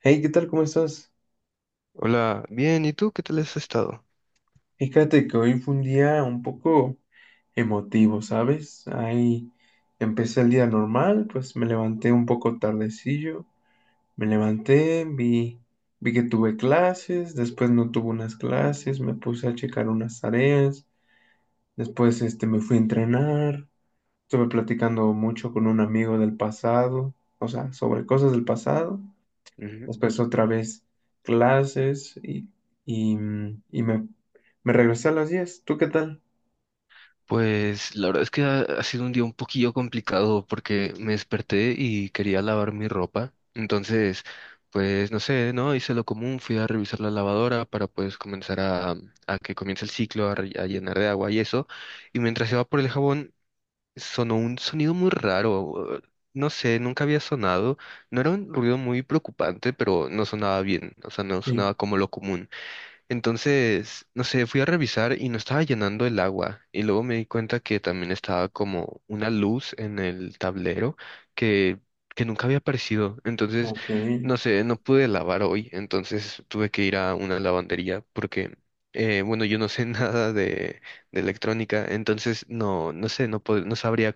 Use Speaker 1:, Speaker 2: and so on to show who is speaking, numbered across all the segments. Speaker 1: Hey, ¿qué tal? ¿Cómo estás?
Speaker 2: Hola, bien, ¿y tú qué tal has estado?
Speaker 1: Fíjate que hoy fue un día un poco emotivo, ¿sabes? Ahí empecé el día normal, pues me levanté un poco tardecillo, me levanté, vi que tuve clases, después no tuve unas clases, me puse a checar unas tareas, después me fui a entrenar, estuve platicando mucho con un amigo del pasado, o sea, sobre cosas del pasado.
Speaker 2: Ujú.
Speaker 1: Después otra vez clases y me regresé a las 10. ¿Tú qué tal?
Speaker 2: Pues la verdad es que ha sido un día un poquillo complicado porque me desperté y quería lavar mi ropa. Entonces, pues no sé, ¿no? Hice lo común, fui a revisar la lavadora para pues comenzar a que comience el ciclo, a llenar de agua y eso. Y mientras iba por el jabón, sonó un sonido muy raro. No sé, nunca había sonado. No era un ruido muy preocupante, pero no sonaba bien. O sea, no
Speaker 1: Sí,
Speaker 2: sonaba como lo común. Entonces, no sé, fui a revisar y no estaba llenando el agua. Y luego me di cuenta que también estaba como una luz en el tablero que, que nunca había aparecido. Entonces,
Speaker 1: ok,
Speaker 2: no sé, no pude lavar hoy. Entonces tuve que ir a una lavandería porque, bueno, yo no sé nada de, de electrónica. Entonces, no sé, no sabría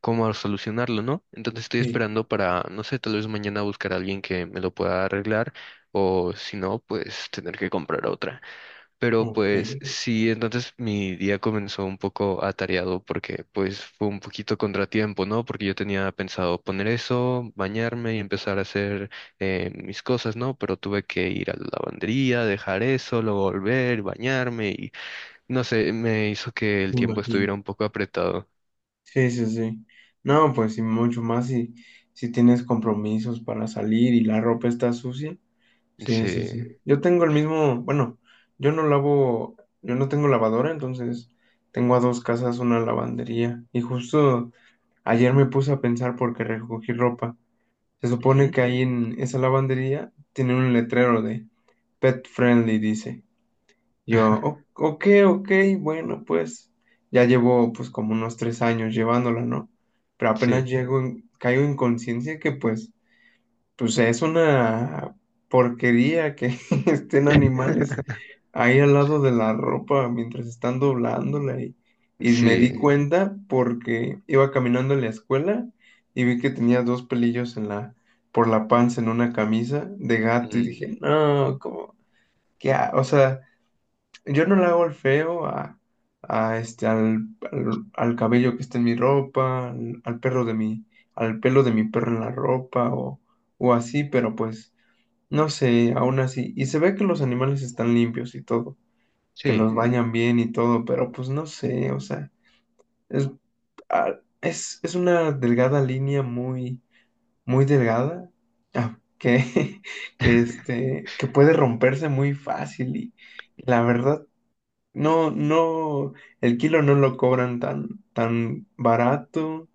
Speaker 2: cómo solucionarlo, ¿no? Entonces estoy
Speaker 1: sí,
Speaker 2: esperando para, no sé, tal vez mañana buscar a alguien que me lo pueda arreglar o si no, pues tener que comprar otra. Pero pues
Speaker 1: ok,
Speaker 2: sí, entonces mi día comenzó un poco atareado porque pues fue un poquito contratiempo, ¿no? Porque yo tenía pensado poner eso, bañarme y empezar a hacer mis cosas, ¿no? Pero tuve que ir a la lavandería, dejar eso, luego volver, bañarme y no sé, me hizo que el
Speaker 1: me
Speaker 2: tiempo
Speaker 1: imagino.
Speaker 2: estuviera un poco apretado.
Speaker 1: Sí, sí, sí. No, pues y mucho más si tienes compromisos para salir y la ropa está sucia. Sí,
Speaker 2: Sí.
Speaker 1: sí, sí. Yo tengo el mismo, bueno, yo no lavo, yo no tengo lavadora, entonces tengo a dos casas una lavandería. Y justo ayer me puse a pensar porque recogí ropa. Se supone
Speaker 2: Ujú.
Speaker 1: que ahí en esa lavandería tienen un letrero de pet friendly, dice. Yo, ok, ok, bueno, pues ya llevo pues como unos 3 años llevándola, ¿no? Pero apenas
Speaker 2: Sí,
Speaker 1: llego, caigo en conciencia que pues es una porquería que estén animales ahí al lado de la ropa mientras están doblándola y me
Speaker 2: sí,
Speaker 1: di cuenta porque iba caminando en la escuela y vi que tenía dos pelillos en la, por la panza en una camisa de gato y
Speaker 2: mm,
Speaker 1: dije, no, como, ¿qué ha-?". O sea, yo no le hago el feo a al cabello que está en mi ropa, al perro de mi, al pelo de mi perro en la ropa o así, pero pues no sé, aún así. Y se ve que los animales están limpios y todo, que los
Speaker 2: sí,
Speaker 1: bañan bien y todo, pero pues no sé, o sea, es, ah, es una delgada línea muy, muy delgada, ah, que, que puede romperse muy fácil y la verdad. No, no, el kilo no lo cobran tan, tan barato.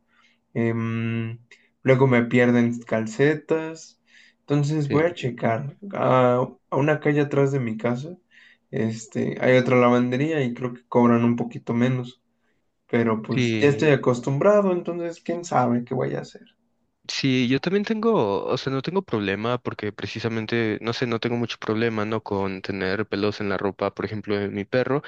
Speaker 1: em, Luego me pierden calcetas. Entonces
Speaker 2: sí,
Speaker 1: voy a checar. A una calle atrás de mi casa, hay otra lavandería y creo que cobran un poquito menos. Pero pues ya estoy
Speaker 2: sí,
Speaker 1: acostumbrado, entonces quién sabe qué voy a hacer.
Speaker 2: sí, yo también tengo, o sea, no tengo problema porque precisamente, no sé, no tengo mucho problema, ¿no? Con tener pelos en la ropa, por ejemplo, de mi perro.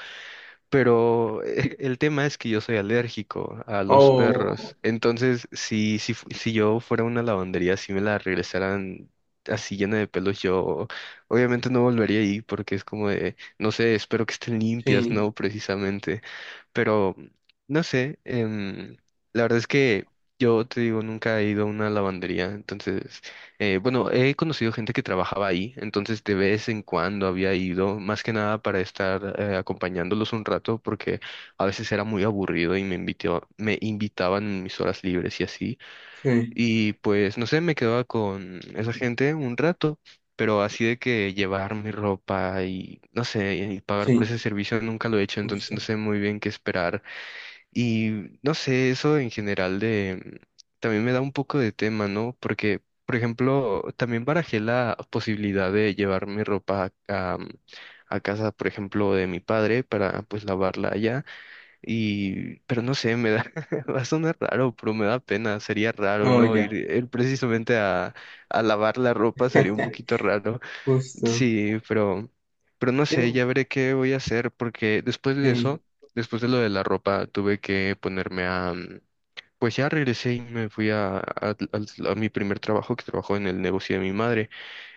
Speaker 2: Pero el tema es que yo soy alérgico a los
Speaker 1: Oh,
Speaker 2: perros. Entonces, si yo fuera a una lavandería, si me la regresaran así llena de pelos, yo obviamente no volvería ahí porque es como de, no sé, espero que estén limpias,
Speaker 1: sí,
Speaker 2: ¿no? Precisamente. Pero, no sé, la verdad es que yo te digo, nunca he ido a una lavandería. Entonces, bueno, he conocido gente que trabajaba ahí, entonces de vez en cuando había ido, más que nada para estar acompañándolos un rato, porque a veces era muy aburrido y me invitaban en mis horas libres y así.
Speaker 1: sí,
Speaker 2: Y pues, no sé, me quedaba con esa gente un rato, pero así de que llevar mi ropa y, no sé, y pagar por ese
Speaker 1: sí,
Speaker 2: servicio nunca lo he hecho, entonces no
Speaker 1: justo.
Speaker 2: sé muy bien qué esperar. Y no sé, eso en general de también me da un poco de tema, ¿no? Porque, por ejemplo, también barajé la posibilidad de llevar mi ropa a casa, por ejemplo, de mi padre para pues lavarla allá. Y, pero no sé, me da, va a sonar raro, pero me da pena, sería raro,
Speaker 1: Oh,
Speaker 2: ¿no?
Speaker 1: ya,
Speaker 2: Ir precisamente a lavar la ropa sería un poquito raro.
Speaker 1: justo.
Speaker 2: Sí, pero no sé, ya veré qué voy a hacer porque después de
Speaker 1: Sí,
Speaker 2: eso, después de lo de la ropa, tuve que ponerme a, pues ya regresé y me fui a, a mi primer trabajo que trabajó en el negocio de mi madre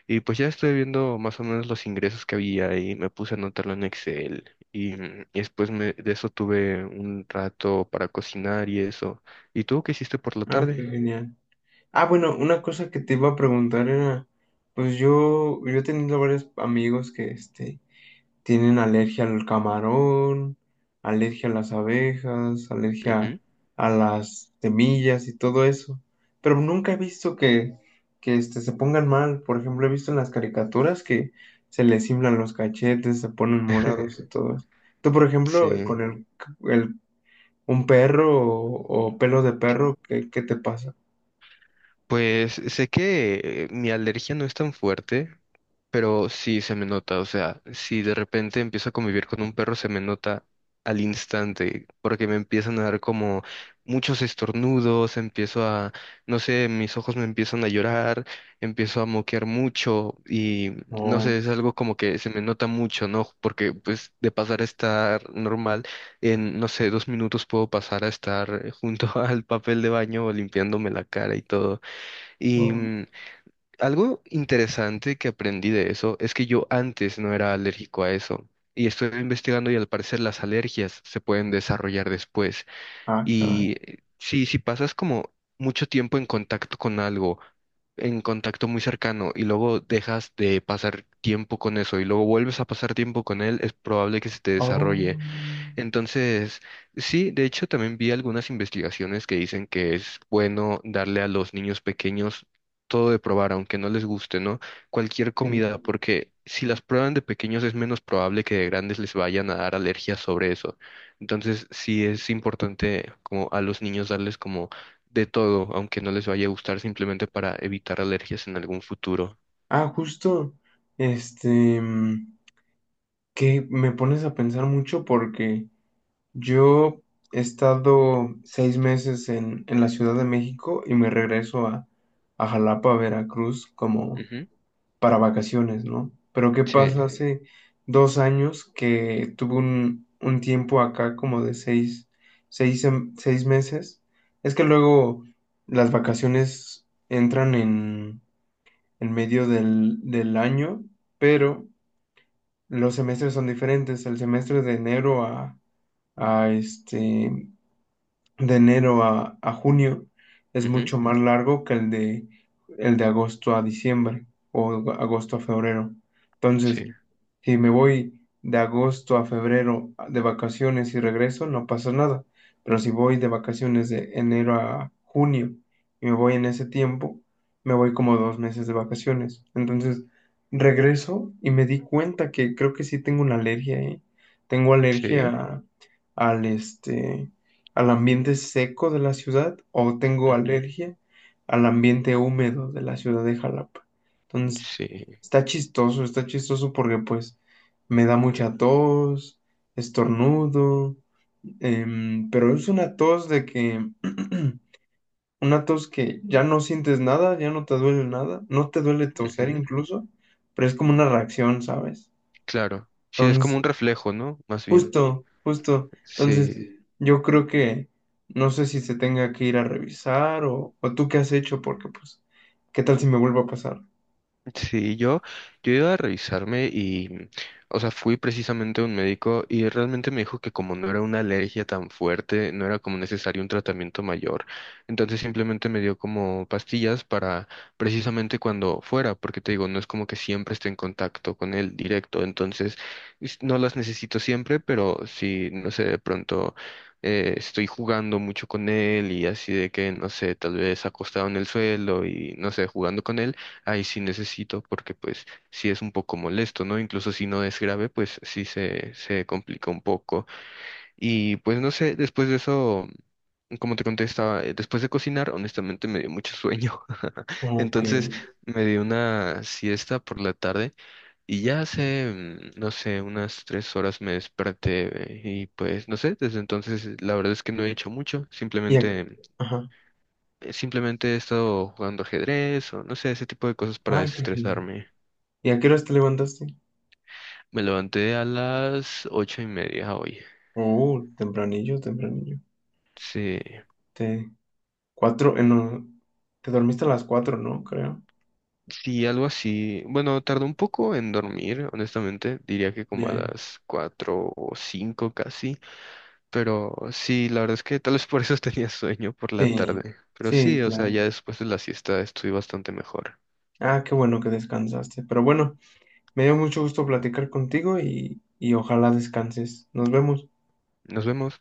Speaker 2: y pues ya estoy viendo más o menos los ingresos que había y me puse a anotarlo en Excel y, y después de eso tuve un rato para cocinar y eso. ¿Y tú qué hiciste por la
Speaker 1: qué
Speaker 2: tarde?
Speaker 1: genial. Ah, bueno, una cosa que te iba a preguntar era, pues yo, he tenido varios amigos que tienen alergia al camarón, alergia a las abejas, alergia
Speaker 2: Ujú.
Speaker 1: a las semillas y todo eso, pero nunca he visto que se pongan mal. Por ejemplo, he visto en las caricaturas que se les inflan los cachetes, se ponen morados y todo eso. Tú, por
Speaker 2: Sí,
Speaker 1: ejemplo, con el, el- un perro o pelo de perro, ¿qué, qué te pasa?
Speaker 2: pues sé que mi alergia no es tan fuerte, pero sí se me nota, o sea, si de repente empiezo a convivir con un perro, se me nota al instante, porque me empiezan a dar como muchos estornudos, empiezo a, no sé, mis ojos me empiezan a llorar, empiezo a moquear mucho y no sé, es algo como que se me nota mucho, ¿no? Porque pues de pasar a estar normal, en, no sé, 2 minutos puedo pasar a estar junto al papel de baño limpiándome la cara y todo. y
Speaker 1: No.
Speaker 2: mm, Algo interesante que aprendí de eso es que yo antes no era alérgico a eso. Y estoy investigando y al parecer las alergias se pueden desarrollar después.
Speaker 1: Ah, caray.
Speaker 2: Y sí, si pasas como mucho tiempo en contacto con algo, en contacto muy cercano, y luego dejas de pasar tiempo con eso y luego vuelves a pasar tiempo con él, es probable que se te
Speaker 1: Oh,
Speaker 2: desarrolle. Entonces, sí, de hecho también vi algunas investigaciones que dicen que es bueno darle a los niños pequeños todo de probar, aunque no les guste, ¿no? Cualquier
Speaker 1: sí.
Speaker 2: comida, porque si las prueban de pequeños es menos probable que de grandes les vayan a dar alergias sobre eso. Entonces, sí es importante como a los niños darles como de todo, aunque no les vaya a gustar, simplemente para evitar alergias en algún futuro.
Speaker 1: Ah, justo, este, mm, que me pones a pensar mucho porque yo he estado 6 meses en la Ciudad de México y me regreso a Jalapa, Veracruz, como
Speaker 2: Ujú,
Speaker 1: para vacaciones, ¿no? Pero ¿qué
Speaker 2: sí,
Speaker 1: pasa? Hace 2 años que tuve un tiempo acá como de seis meses. Es que luego las vacaciones entran en medio del, del año, pero los semestres son diferentes. El semestre de enero a este, de enero a junio es
Speaker 2: ujú,
Speaker 1: mucho más largo que el de agosto a diciembre o agosto a febrero. Entonces,
Speaker 2: sí,
Speaker 1: si me voy de agosto a febrero de vacaciones y regreso, no pasa nada. Pero si voy de vacaciones de enero a junio y me voy en ese tiempo, me voy como 2 meses de vacaciones. Entonces, regreso y me di cuenta que creo que sí tengo una alergia, ¿eh? Tengo alergia
Speaker 2: sí,
Speaker 1: al este al ambiente seco de la ciudad o tengo
Speaker 2: ujú,
Speaker 1: alergia al ambiente húmedo de la ciudad de Jalapa. Entonces,
Speaker 2: sí.
Speaker 1: está chistoso porque pues me da mucha tos, estornudo, pero es una tos de que, una tos que ya no sientes nada, ya no te duele nada, no te duele toser
Speaker 2: Ujú.
Speaker 1: incluso, pero es como una reacción, ¿sabes?
Speaker 2: Claro. Sí, es como un reflejo, ¿no? Más bien.
Speaker 1: Justo, justo. Entonces,
Speaker 2: Sí.
Speaker 1: sí. Yo creo que no sé si se tenga que ir a revisar o tú qué has hecho, porque pues, ¿qué tal si me vuelvo a pasar?
Speaker 2: Sí, yo iba a revisarme y, o sea, fui precisamente a un médico y realmente me dijo que como no era una alergia tan fuerte, no era como necesario un tratamiento mayor. Entonces simplemente me dio como pastillas para precisamente cuando fuera, porque te digo, no es como que siempre esté en contacto con él directo. Entonces, no las necesito siempre, pero si, no sé, de pronto... estoy jugando mucho con él y así de que, no sé, tal vez acostado en el suelo y, no sé, jugando con él ahí sí necesito porque pues sí es un poco molesto, ¿no? Incluso si no es grave, pues sí se complica un poco. Y pues no sé, después de eso, como te contestaba, después de cocinar, honestamente me dio mucho sueño.
Speaker 1: Ok.
Speaker 2: Entonces me di una siesta por la tarde y ya hace, no sé, unas 3 horas me desperté y pues no sé, desde entonces la verdad es que no he hecho mucho,
Speaker 1: Y a-
Speaker 2: simplemente...
Speaker 1: Ajá.
Speaker 2: Simplemente he estado jugando ajedrez o no sé, ese tipo de cosas para
Speaker 1: Ah, qué genial.
Speaker 2: desestresarme.
Speaker 1: ¿Y a qué horas te levantaste?
Speaker 2: Me levanté a las 8:30 hoy.
Speaker 1: Oh, tempranillo, tempranillo.
Speaker 2: Sí,
Speaker 1: Te... 4, no. Te dormiste a las 4, ¿no? Creo.
Speaker 2: sí, algo así. Bueno, tardó un poco en dormir, honestamente. Diría que como a
Speaker 1: Ya,
Speaker 2: las 4 o 5 casi. Pero sí, la verdad es que tal vez por eso tenía sueño por la
Speaker 1: sí,
Speaker 2: tarde. Pero
Speaker 1: sí,
Speaker 2: sí, o sea,
Speaker 1: claro.
Speaker 2: ya después de la siesta estoy bastante mejor.
Speaker 1: Ah, qué bueno que descansaste. Pero bueno, me dio mucho gusto platicar contigo y ojalá descanses. Nos vemos.
Speaker 2: Nos vemos.